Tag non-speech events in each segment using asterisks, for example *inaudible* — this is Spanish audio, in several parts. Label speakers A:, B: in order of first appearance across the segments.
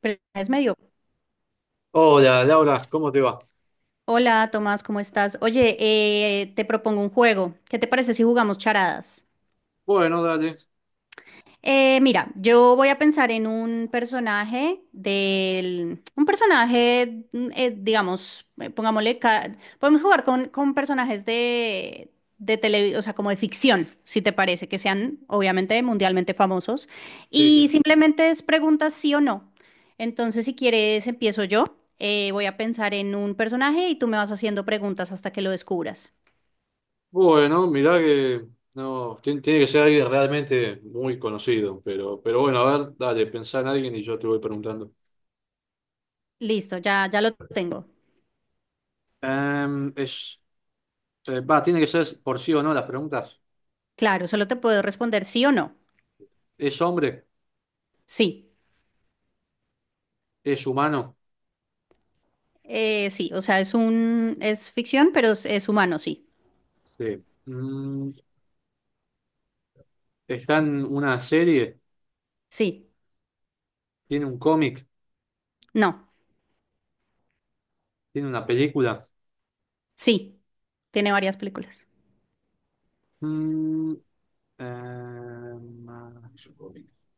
A: Pero es medio.
B: Hola, Laura, ¿cómo te va?
A: Hola, Tomás, ¿cómo estás? Oye, te propongo un juego. ¿Qué te parece si jugamos charadas?
B: Bueno, dale.
A: Mira, yo voy a pensar en un personaje, digamos, pongámosle, podemos jugar con personajes de tele, o sea, como de ficción, si te parece, que sean obviamente mundialmente famosos.
B: Sí,
A: Y
B: sí.
A: simplemente es preguntas sí o no. Entonces, si quieres, empiezo yo. Voy a pensar en un personaje y tú me vas haciendo preguntas hasta que lo descubras.
B: Bueno, mirá que no, tiene que ser alguien realmente muy conocido, pero bueno, a ver, dale, pensá en alguien y yo te voy preguntando.
A: Listo, ya lo tengo.
B: Em, es, Va, tiene que ser por sí o no las preguntas.
A: Claro, solo te puedo responder sí o no.
B: ¿Es hombre?
A: Sí.
B: ¿Es humano?
A: Sí, o sea, es ficción, pero es humano, sí.
B: Sí. ¿Está en una serie?
A: Sí,
B: ¿Tiene un cómic?
A: no,
B: ¿Tiene una película?
A: sí. Tiene varias películas.
B: Mm, em, ah,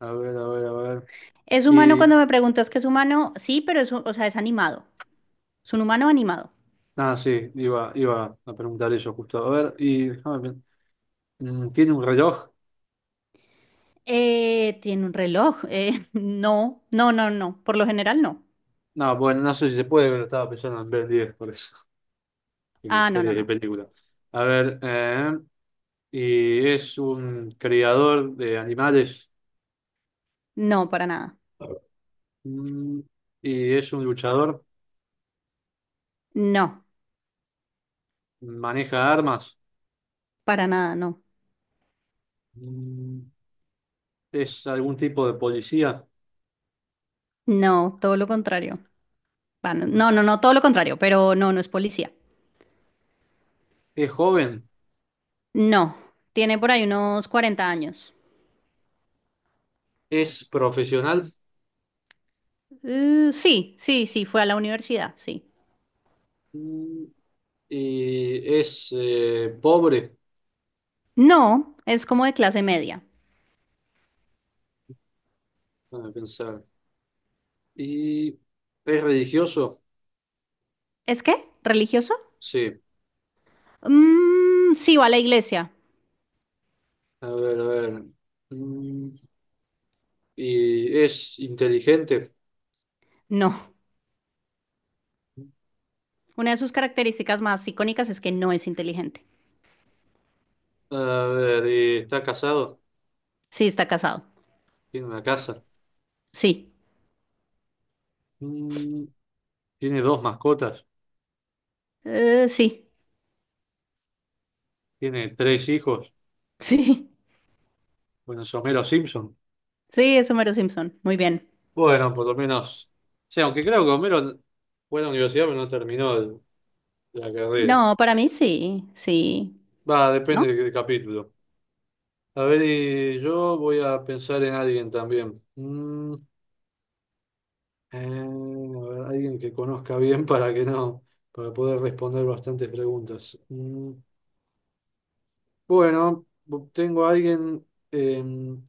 B: a ver, a ver, a ver.
A: Es humano cuando me preguntas que es humano, sí, pero o sea, es animado. Es un humano animado.
B: Ah, sí, iba a preguntar eso justo. A ver, y déjame ver. ¿Tiene un reloj?
A: Tiene un reloj. *laughs* No, no, no, no. Por lo general, no.
B: No, bueno, no sé si se puede, pero estaba pensando en ver 10, por eso. *laughs* En
A: Ah, no, no,
B: series y
A: no.
B: películas. A ver, y es un criador de animales.
A: No, para nada.
B: Mm, y es un luchador.
A: No,
B: Maneja armas.
A: para nada, no.
B: Mm, es algún tipo de policía.
A: No, todo lo contrario. Va, no, no, no, no, todo lo contrario, pero no, no es policía.
B: Es joven.
A: No, tiene por ahí unos 40 años.
B: Es profesional.
A: Sí, sí, sí, fue a la universidad, sí.
B: Mm, y es pobre.
A: No, es como de clase media.
B: Déjame pensar. Y es religioso,
A: ¿Es qué? ¿Religioso?
B: sí.
A: Mm, sí, va a la iglesia.
B: A ver, a ver. Mm, Y es inteligente.
A: No, una de sus características más icónicas es que no es inteligente.
B: A ver, y está casado.
A: Sí, está casado.
B: Tiene una casa.
A: Sí.
B: Mm, Tiene dos mascotas.
A: Sí,
B: Tiene tres hijos.
A: *laughs* sí,
B: Bueno, es Homero Simpson.
A: sí, es Homero Simpson. Muy bien.
B: Bueno, por lo menos. O sea, aunque creo que Homero fue a la universidad, pero no terminó la carrera.
A: No, para mí sí, sí,
B: Va,
A: ¿no?
B: depende del capítulo. A ver, y yo voy a pensar en alguien también. A ver, alguien que conozca bien para que no, para poder responder bastantes preguntas. Bueno, tengo a alguien en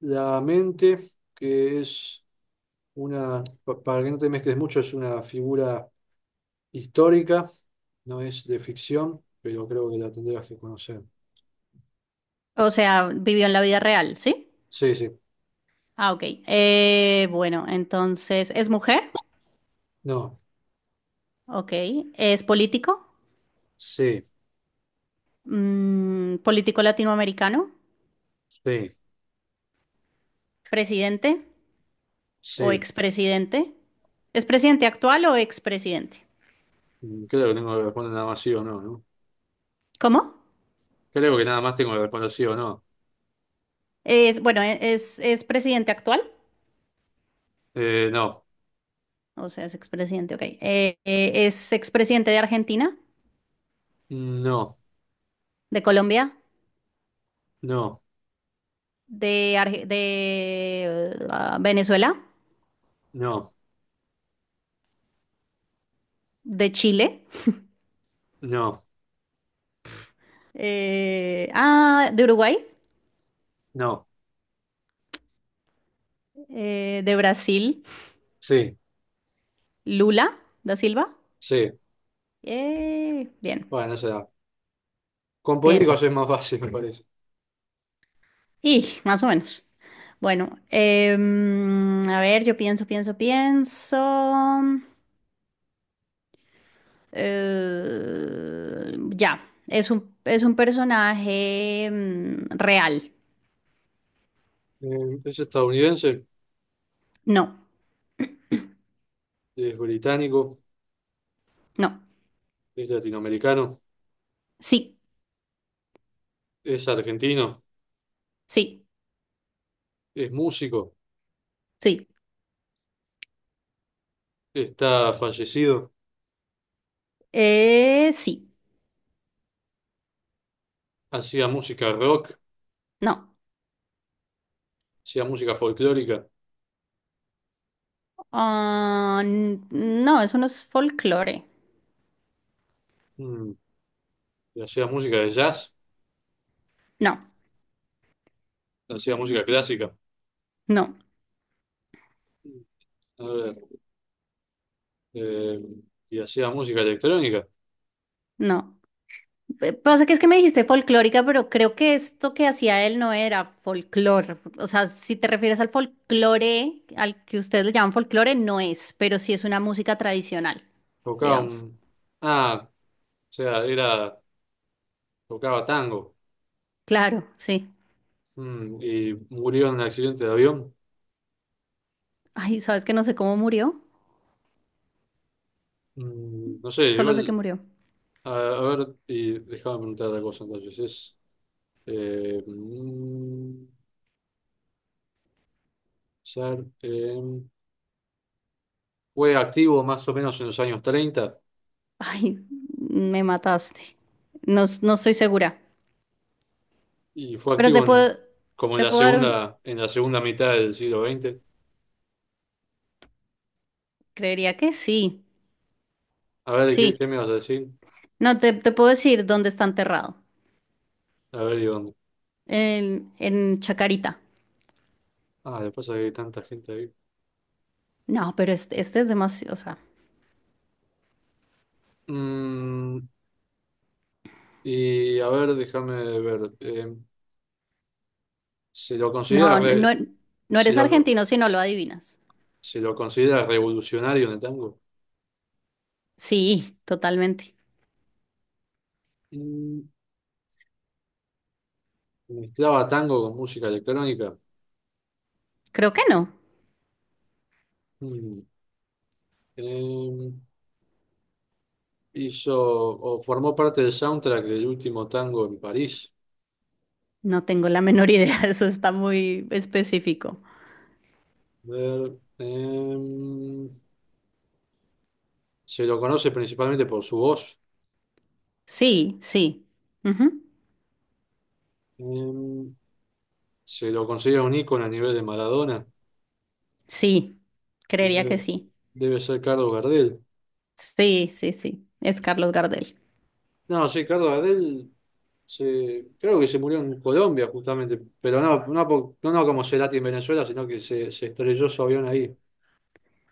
B: la mente que es una, para que no te mezcles mucho, es una figura histórica, no es de ficción, pero creo que la tendrías que conocer.
A: O sea, vivió en la vida real, ¿sí?
B: Sí, sí,
A: Ah, ok. Bueno, entonces, ¿es mujer?
B: no,
A: Ok. ¿Es político?
B: sí,
A: Mm, político latinoamericano,
B: sí,
A: presidente o
B: sí.
A: expresidente. ¿Es presidente actual o expresidente?
B: Creo que tengo que responder nada más sí o no, ¿no?
A: ¿Cómo?
B: Creo que nada más tengo que responder sí o no.
A: Es presidente actual,
B: No,
A: o sea, es expresidente, ok. Es expresidente de Argentina,
B: no.
A: de Colombia,
B: No,
A: de Venezuela,
B: no,
A: de Chile,
B: no,
A: de Uruguay,
B: no.
A: de Brasil,
B: Sí,
A: Lula da Silva.
B: sí.
A: Bien,
B: Bueno, no se da. Con
A: bien.
B: políticos es más fácil, me parece.
A: Y más o menos. Bueno, a ver, yo pienso, pienso, pienso. Ya, es un personaje real.
B: Es estadounidense,
A: No,
B: es británico,
A: no.
B: es latinoamericano,
A: Sí,
B: es argentino,
A: sí,
B: es músico,
A: sí.
B: está fallecido,
A: Sí,
B: hacía música rock,
A: no.
B: hacía música folclórica,
A: Ah, no, eso no es folclore.
B: mm, y hacía música de jazz,
A: No,
B: hacía música clásica,
A: no,
B: a ver, eh, y hacía música electrónica.
A: no. Pasa que es que me dijiste folclórica, pero creo que esto que hacía él no era folclore. O sea, si te refieres al folclore, al que ustedes le llaman folclore, no es, pero sí es una música tradicional,
B: Tocaba
A: digamos.
B: un. Ah, o sea, era. Tocaba tango.
A: Claro, sí.
B: Y murió en un accidente de avión.
A: Ay, ¿sabes que no sé cómo murió?
B: No sé,
A: Solo sé que
B: igual,
A: murió.
B: a ver, y déjame preguntar otra cosa entonces. Es, mm, pensar, em, Fue activo más o menos en los años 30
A: Ay, me mataste. No, no estoy segura.
B: y fue
A: Pero te
B: activo en,
A: puedo,
B: como en
A: te
B: la
A: puedo dar un...
B: segunda, en la segunda mitad del siglo XX.
A: Creería que sí,
B: A ver, ¿qué,
A: sí.
B: qué me vas a decir.
A: No, te puedo decir dónde está enterrado.
B: A ver, ¿y dónde?
A: En Chacarita.
B: Ah, después hay tanta gente ahí.
A: No, pero este es demasiado, o sea,
B: Mm, y a ver, déjame ver. Se lo considera,
A: no, no,
B: re-
A: no
B: se
A: eres
B: lo,
A: argentino si no lo adivinas.
B: Se lo considera revolucionario en el tango.
A: Sí, totalmente.
B: Mm, Mezclaba tango con música electrónica.
A: Creo que no.
B: Mm, eh, Hizo o formó parte del soundtrack del último tango en París.
A: No tengo la menor idea, *laughs* eso está muy específico.
B: A ver, se lo conoce principalmente por su voz.
A: Sí, sí. Ujú.
B: Eh, Se lo considera un ícono a nivel de Maradona.
A: Sí,
B: Y
A: creería que
B: debe,
A: sí.
B: debe ser Carlos Gardel.
A: Sí, sí, sí. Es Carlos Gardel.
B: No, sí, Carlos Gardel creo que se murió en Colombia justamente, pero no, no, no, no como Cerati en Venezuela, sino que se estrelló su avión ahí,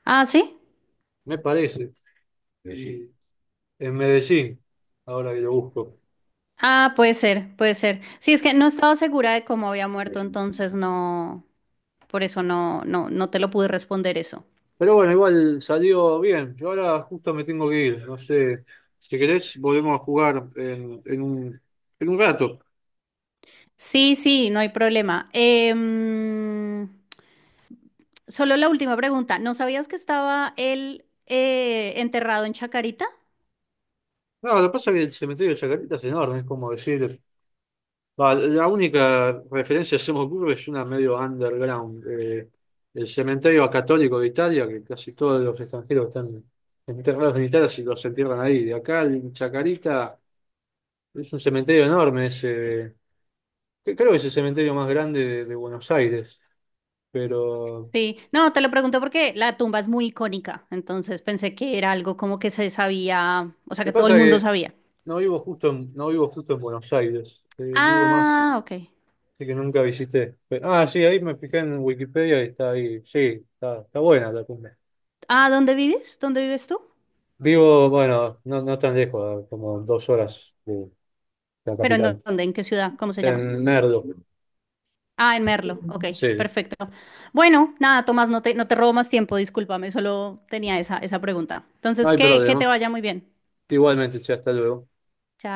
A: Ah, sí.
B: me parece, Medellín. Y en Medellín, ahora que lo busco.
A: Ah, puede ser, puede ser. Sí, es que no estaba segura de cómo había muerto, entonces no, por eso no, no, no te lo pude responder eso.
B: Pero bueno, igual salió bien. Yo ahora justo me tengo que ir, no sé, si querés volvemos a jugar en, en un rato.
A: Sí, sí, no hay problema. Solo la última pregunta. ¿No sabías que estaba él enterrado en Chacarita?
B: No, lo que pasa es que el cementerio de Chacarita es enorme, es como decir. No, la única referencia que hacemos burro es una medio underground. El cementerio católico de Italia, que casi todos los extranjeros están enterrados en Italia si los entierran ahí. De acá, en Chacarita, es un cementerio enorme ese, que creo que es el cementerio más grande de Buenos Aires. Pero
A: Sí, no, te lo pregunto porque la tumba es muy icónica, entonces pensé que era algo como que se sabía, o sea,
B: lo que
A: que todo el
B: pasa
A: mundo
B: es que
A: sabía.
B: no vivo justo en, Buenos Aires. Vivo más,
A: Ah, ok.
B: así que nunca visité. Ah, sí, ahí me fijé en Wikipedia y está ahí. Sí, está buena la cumbre.
A: Ah, ¿dónde vives? ¿Dónde vives tú?
B: Vivo, bueno, no, no tan lejos, como 2 horas de la
A: ¿Pero
B: capital.
A: dónde? ¿En qué ciudad? ¿Cómo se llama?
B: En Merdo.
A: Ah, en Merlo. Ok,
B: Sí, sí.
A: perfecto. Bueno, nada, Tomás, no te robo más tiempo, discúlpame, solo tenía esa pregunta.
B: No
A: Entonces,
B: hay
A: que
B: problema.
A: te vaya muy bien.
B: Igualmente, che, hasta luego.
A: Chao.